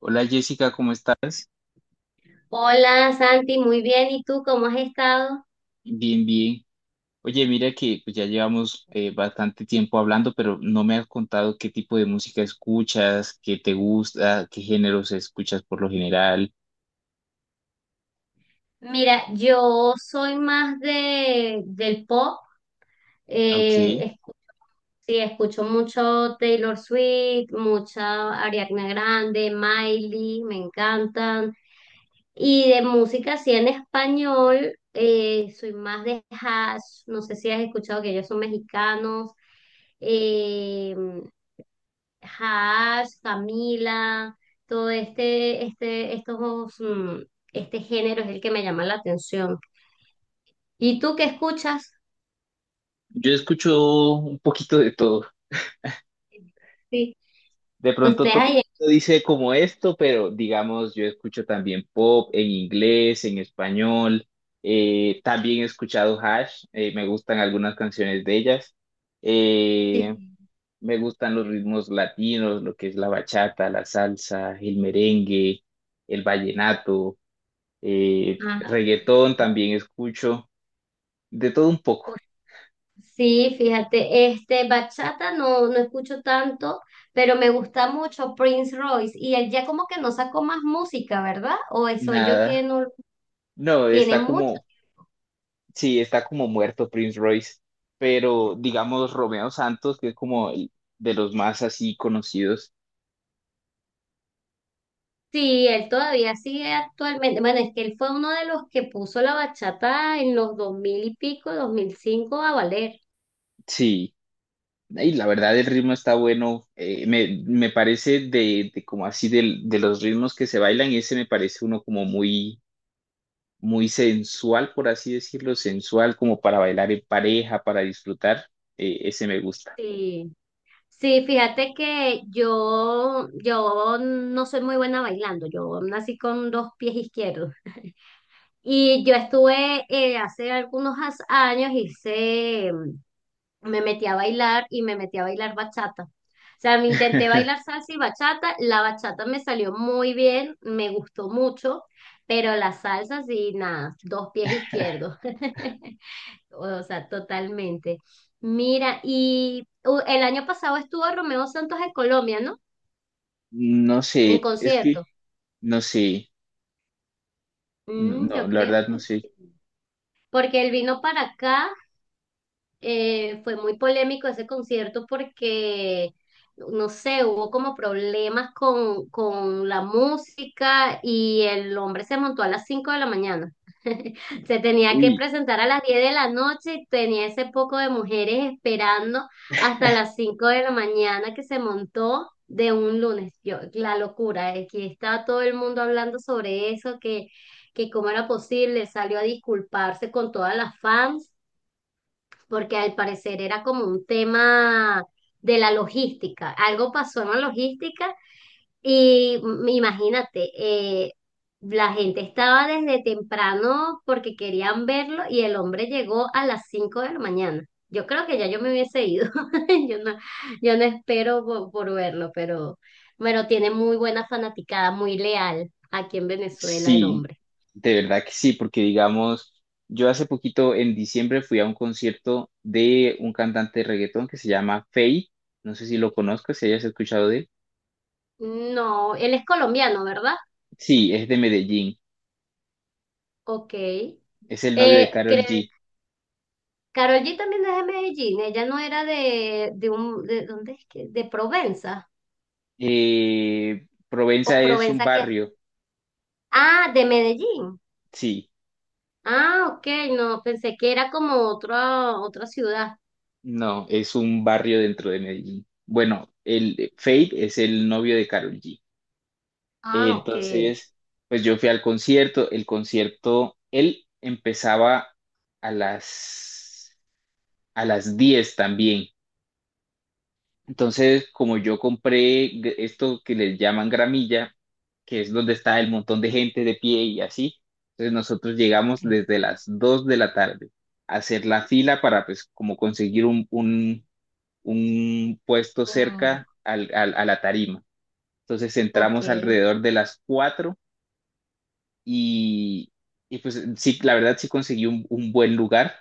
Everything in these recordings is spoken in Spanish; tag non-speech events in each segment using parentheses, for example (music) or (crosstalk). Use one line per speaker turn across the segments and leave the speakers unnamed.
Hola Jessica, ¿cómo estás?
Hola Santi, muy bien. ¿Y tú cómo has estado?
Bien, bien. Oye, mira que pues, ya llevamos bastante tiempo hablando, pero no me has contado qué tipo de música escuchas, qué te gusta, qué géneros escuchas por lo general.
Mira, yo soy más del pop.
Ok,
Eh, escu- sí, escucho mucho Taylor Swift, mucha Ariana Grande, Miley, me encantan. Y de música así en español, soy más de Hash. No sé si has escuchado que ellos son mexicanos. Eh, Hash, Camila, todo este género es el que me llama la atención. ¿Y tú qué escuchas?
yo escucho un poquito de todo.
Sí,
De pronto
ustedes
todo el
ahí.
mundo dice como esto, pero digamos, yo escucho también pop en inglés, en español. También he escuchado Hash, me gustan algunas canciones de ellas. Eh,
Sí,
Me gustan los ritmos latinos, lo que es la bachata, la salsa, el merengue, el vallenato,
ah,
reggaetón
fíjate.
también escucho, de todo un poco.
Sí, fíjate, bachata no escucho tanto, pero me gusta mucho Prince Royce. Y él ya como que no sacó más música, ¿verdad? O soy yo que
Nada.
no
No,
tiene
está
mucho.
como, sí, está como muerto Prince Royce, pero digamos Romeo Santos, que es como de los más así conocidos.
Sí, él todavía sigue actualmente. Bueno, es que él fue uno de los que puso la bachata en los 2000 y pico, dos mil cinco a valer.
Sí, y la verdad el ritmo está bueno. Me parece de como así de, los ritmos que se bailan, ese me parece uno como muy muy sensual, por así decirlo, sensual, como para bailar en pareja, para disfrutar, ese me gusta.
Sí, sí, fíjate que yo no soy muy buena bailando. Yo nací con dos pies izquierdos. Y yo estuve hace algunos años, hice me metí a bailar y me metí a bailar bachata. O sea, me intenté bailar
(laughs)
salsa y bachata, la bachata me salió muy bien, me gustó mucho, pero la salsa sí, nada, dos pies izquierdos. (laughs) O sea, totalmente. Mira, y el año pasado estuvo Romeo Santos en Colombia, ¿no?
No sé,
En
es que
concierto.
no sé,
Mm,
no,
yo
la
creo
verdad no
que
sé.
sí. Porque él vino para acá fue muy polémico ese concierto porque no sé, hubo como problemas con la música y el hombre se montó a las 5 de la mañana. (laughs) Se tenía que
Uy,
presentar a las 10 de la noche y tenía ese poco de mujeres esperando hasta las 5 de la mañana que se montó de un lunes. Yo, la locura, aquí estaba todo el mundo hablando sobre eso, que cómo era posible, salió a disculparse con todas las fans porque al parecer era como un tema de la logística. Algo pasó en la logística y imagínate, la gente estaba desde temprano porque querían verlo y el hombre llegó a las 5 de la mañana. Yo creo que ya yo me hubiese ido. (laughs) Yo no, yo no espero por verlo, pero tiene muy buena fanaticada, muy leal aquí en Venezuela el
sí,
hombre.
de verdad que sí, porque digamos, yo hace poquito en diciembre fui a un concierto de un cantante de reggaetón que se llama Feid, no sé si lo conozcas, si hayas escuchado de él.
No, él es colombiano, ¿verdad?
Sí, es de Medellín,
Ok.
es el novio de Karol
Creo
G.
Karol G también es de Medellín, ella no era ¿dónde es que? De Provenza,
Provenza
o
es un
Provenza qué,
barrio,
ah, de Medellín,
sí.
ah, ok, no, pensé que era como otra, otra ciudad,
No, es un barrio dentro de Medellín. Bueno, el Fate es el novio de Karol G. Eh,
ah, ok,
Entonces, pues yo fui al concierto. El concierto, él empezaba a las a las 10 también. Entonces, como yo compré esto que les llaman gramilla, que es donde está el montón de gente de pie y así, entonces nosotros llegamos
ok,
desde las 2 de la tarde a hacer la fila para pues como conseguir un un puesto
mm,
cerca al a la tarima. Entonces
ok,
entramos alrededor de las 4 y, y pues sí, la verdad sí conseguí un buen lugar,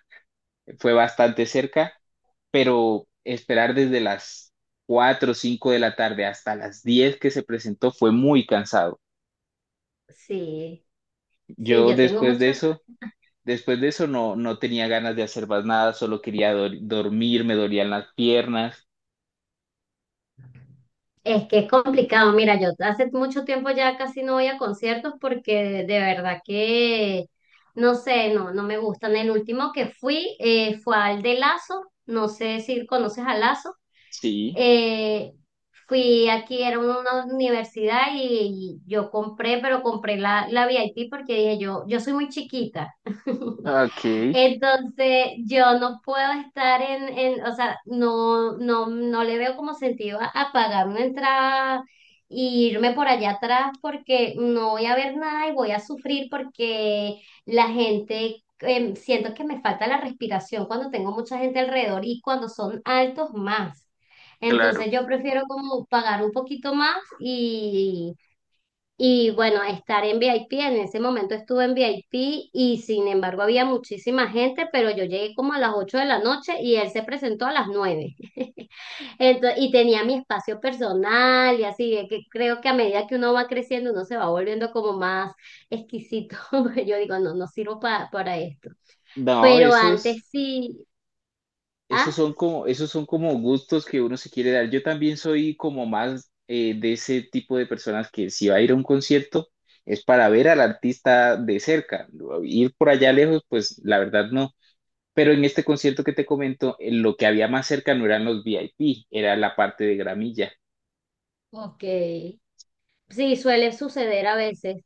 fue bastante cerca, pero esperar desde las 4 o 5 de la tarde hasta las 10 que se presentó fue muy cansado.
sí, sí,
Yo
yo tengo
después de
muchos.
eso, después de eso no, no tenía ganas de hacer más nada, solo quería dormir, me dolían las piernas.
Es que es complicado. Mira, yo hace mucho tiempo ya casi no voy a conciertos porque de verdad que, no sé, no me gustan. El último que fui fue al de Lazo. No sé si conoces a Lazo.
Sí,
Eh, fui aquí, era una universidad y yo compré, pero compré la VIP porque dije yo, yo soy muy chiquita. (laughs)
ok,
Entonces, yo no puedo estar en, o sea, no le veo como sentido a pagar una entrada e irme por allá atrás porque no voy a ver nada y voy a sufrir porque la gente, siento que me falta la respiración cuando tengo mucha gente alrededor y cuando son altos más.
claro.
Entonces, yo prefiero como pagar un poquito más y bueno, estar en VIP, en ese momento estuve en VIP y sin embargo había muchísima gente, pero yo llegué como a las 8 de la noche y él se presentó a las nueve. (laughs) Entonces, y tenía mi espacio personal y así, de que creo que a medida que uno va creciendo, uno se va volviendo como más exquisito. (laughs) Porque yo digo, no sirvo para esto.
No,
Pero
eso
antes
es,
sí,
Esos
ah,
son como, esos son como gustos que uno se quiere dar. Yo también soy como más de ese tipo de personas que si va a ir a un concierto es para ver al artista de cerca. Ir por allá lejos, pues la verdad no. Pero en este concierto que te comento, lo que había más cerca no eran los VIP, era la parte de gramilla.
ok. Sí, suele suceder a veces.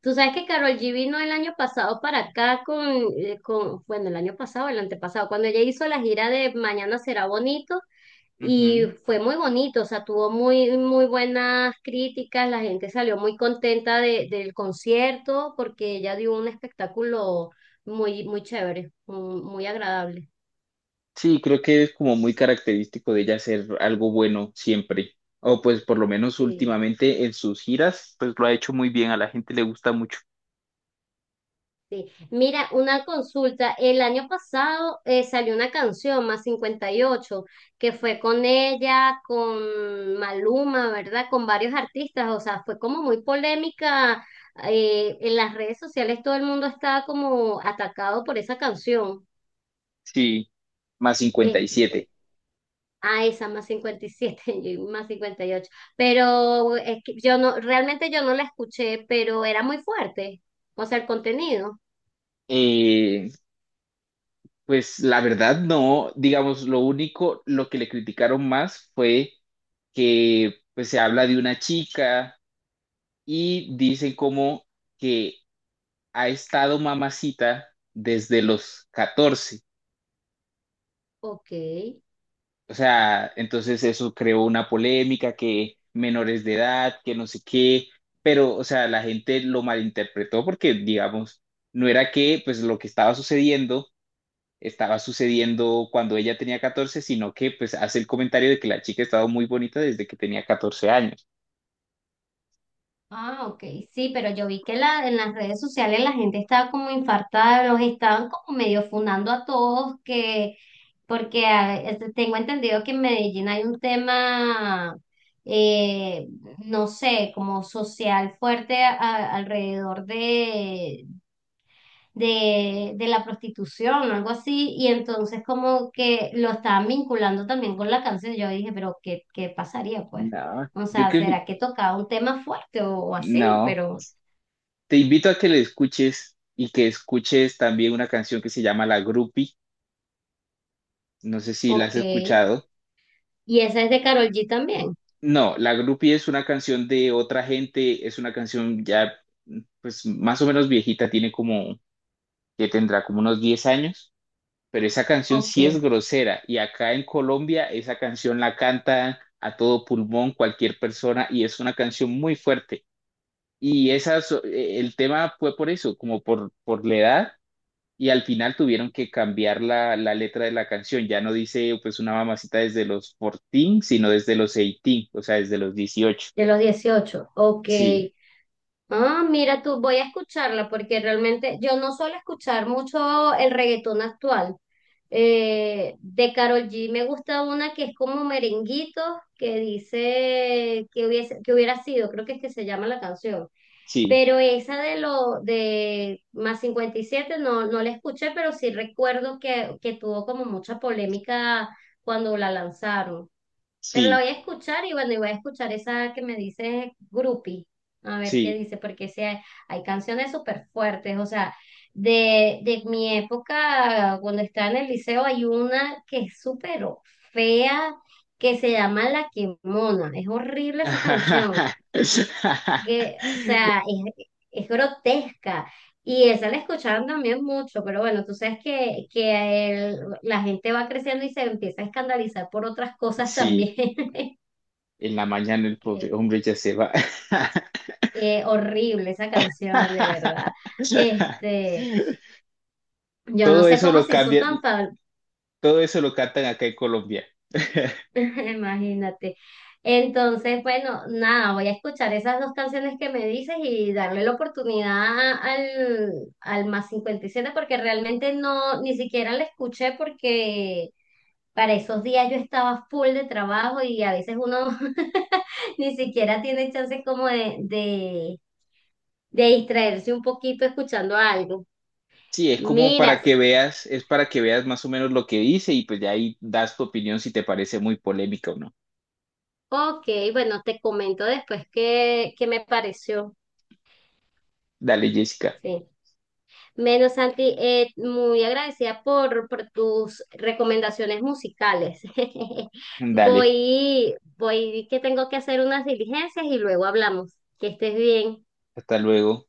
Tú sabes que Karol G vino el año pasado para acá con el año pasado, el antepasado, cuando ella hizo la gira de Mañana será bonito y
Ujú.
fue muy bonito, o sea, tuvo muy, muy buenas críticas, la gente salió muy contenta del concierto porque ella dio un espectáculo muy, muy chévere, muy, muy agradable.
Sí, creo que es como muy característico de ella hacer algo bueno siempre. O pues por lo menos
Sí.
últimamente en sus giras, pues lo ha hecho muy bien. A la gente le gusta mucho.
Sí. Mira, una consulta. El año pasado salió una canción, Más cincuenta y ocho, que fue con ella, con Maluma, ¿verdad? Con varios artistas. O sea, fue como muy polémica. En las redes sociales todo el mundo estaba como atacado por esa canción.
Sí, más
Es,
57.
a esa más 57 (laughs) y más 58. Pero es que yo no, realmente yo no la escuché, pero era muy fuerte. O sea, el contenido.
Eh, pues la verdad no, digamos, lo único, lo que le criticaron más fue que pues se habla de una chica y dicen como que ha estado mamacita desde los 14.
Ok.
O sea, entonces eso creó una polémica que menores de edad, que no sé qué, pero o sea, la gente lo malinterpretó porque digamos, no era que pues lo que estaba sucediendo cuando ella tenía 14, sino que pues hace el comentario de que la chica estaba muy bonita desde que tenía 14 años.
Ah, ok, sí, pero yo vi que la, en las redes sociales la gente estaba como infartada, los estaban como medio fundando a todos, que tengo entendido que en Medellín hay un tema, eh, no sé, como social fuerte alrededor de la prostitución o algo así, y entonces como que lo estaban vinculando también con la canción. Yo dije, pero ¿qué, qué pasaría pues?
No,
O
yo
sea,
creo que
¿será que tocaba un tema fuerte o así?
no.
Pero,
Te invito a que le escuches y que escuches también una canción que se llama La Grupi. No sé si la has
ok.
escuchado.
¿Y esa es de Karol G también?
No, La Grupi es una canción de otra gente, es una canción ya pues más o menos viejita, tiene como que tendrá como unos 10 años, pero esa canción
Ok,
sí es grosera y acá en Colombia esa canción la canta a todo pulmón cualquier persona y es una canción muy fuerte. Y esas, el tema fue por eso, como por la edad y al final tuvieron que cambiar la letra de la canción. Ya no dice pues una mamacita desde los 14, sino desde los 18, o sea, desde los 18.
de los dieciocho, ok.
Sí,
Ah, mira tú, voy a escucharla porque realmente yo no suelo escuchar mucho el reggaetón actual. De Karol G me gusta una que es como merenguito, que dice que hubiese, que hubiera sido, creo que es que se llama la canción.
sí,
Pero esa de lo de más 57 no, no la escuché, pero sí recuerdo que tuvo como mucha polémica cuando la lanzaron. Pero la
sí,
voy a escuchar y bueno, y voy a escuchar esa que me dice Grupi, a ver qué
sí.
dice, porque sí hay canciones súper fuertes, o sea, de mi época, cuando estaba en el liceo, hay una que es súper fea, que se llama La Quemona, es horrible esa canción,
(laughs)
que, o sea, es grotesca, y esa la escuchaban también mucho, pero bueno, tú sabes que la gente va creciendo y se empieza a escandalizar por otras cosas
Sí.
también. (laughs)
En la mañana el pobre
que-
hombre ya se va.
Horrible esa canción, de verdad. Este,
(laughs)
yo no
Todo
sé
eso
cómo
lo
se hizo
cambia,
tan famosa.
todo eso lo cantan acá en Colombia. (laughs)
(laughs) Imagínate. Entonces, bueno, nada, voy a escuchar esas dos canciones que me dices y darle la oportunidad al al más 57 porque realmente no, ni siquiera la escuché porque para esos días yo estaba full de trabajo y a veces uno (laughs) ni siquiera tiene chance como de distraerse un poquito escuchando algo.
Sí, es como para
Mira,
que veas, es para que veas más o menos lo que dice y pues ya ahí das tu opinión si te parece muy polémica o no.
ok, bueno, te comento después qué, qué me pareció.
Dale, Jessica,
Sí. Menos Santi, muy agradecida por tus recomendaciones musicales. (laughs)
dale,
Voy, voy, que tengo que hacer unas diligencias y luego hablamos. Que estés bien.
hasta luego.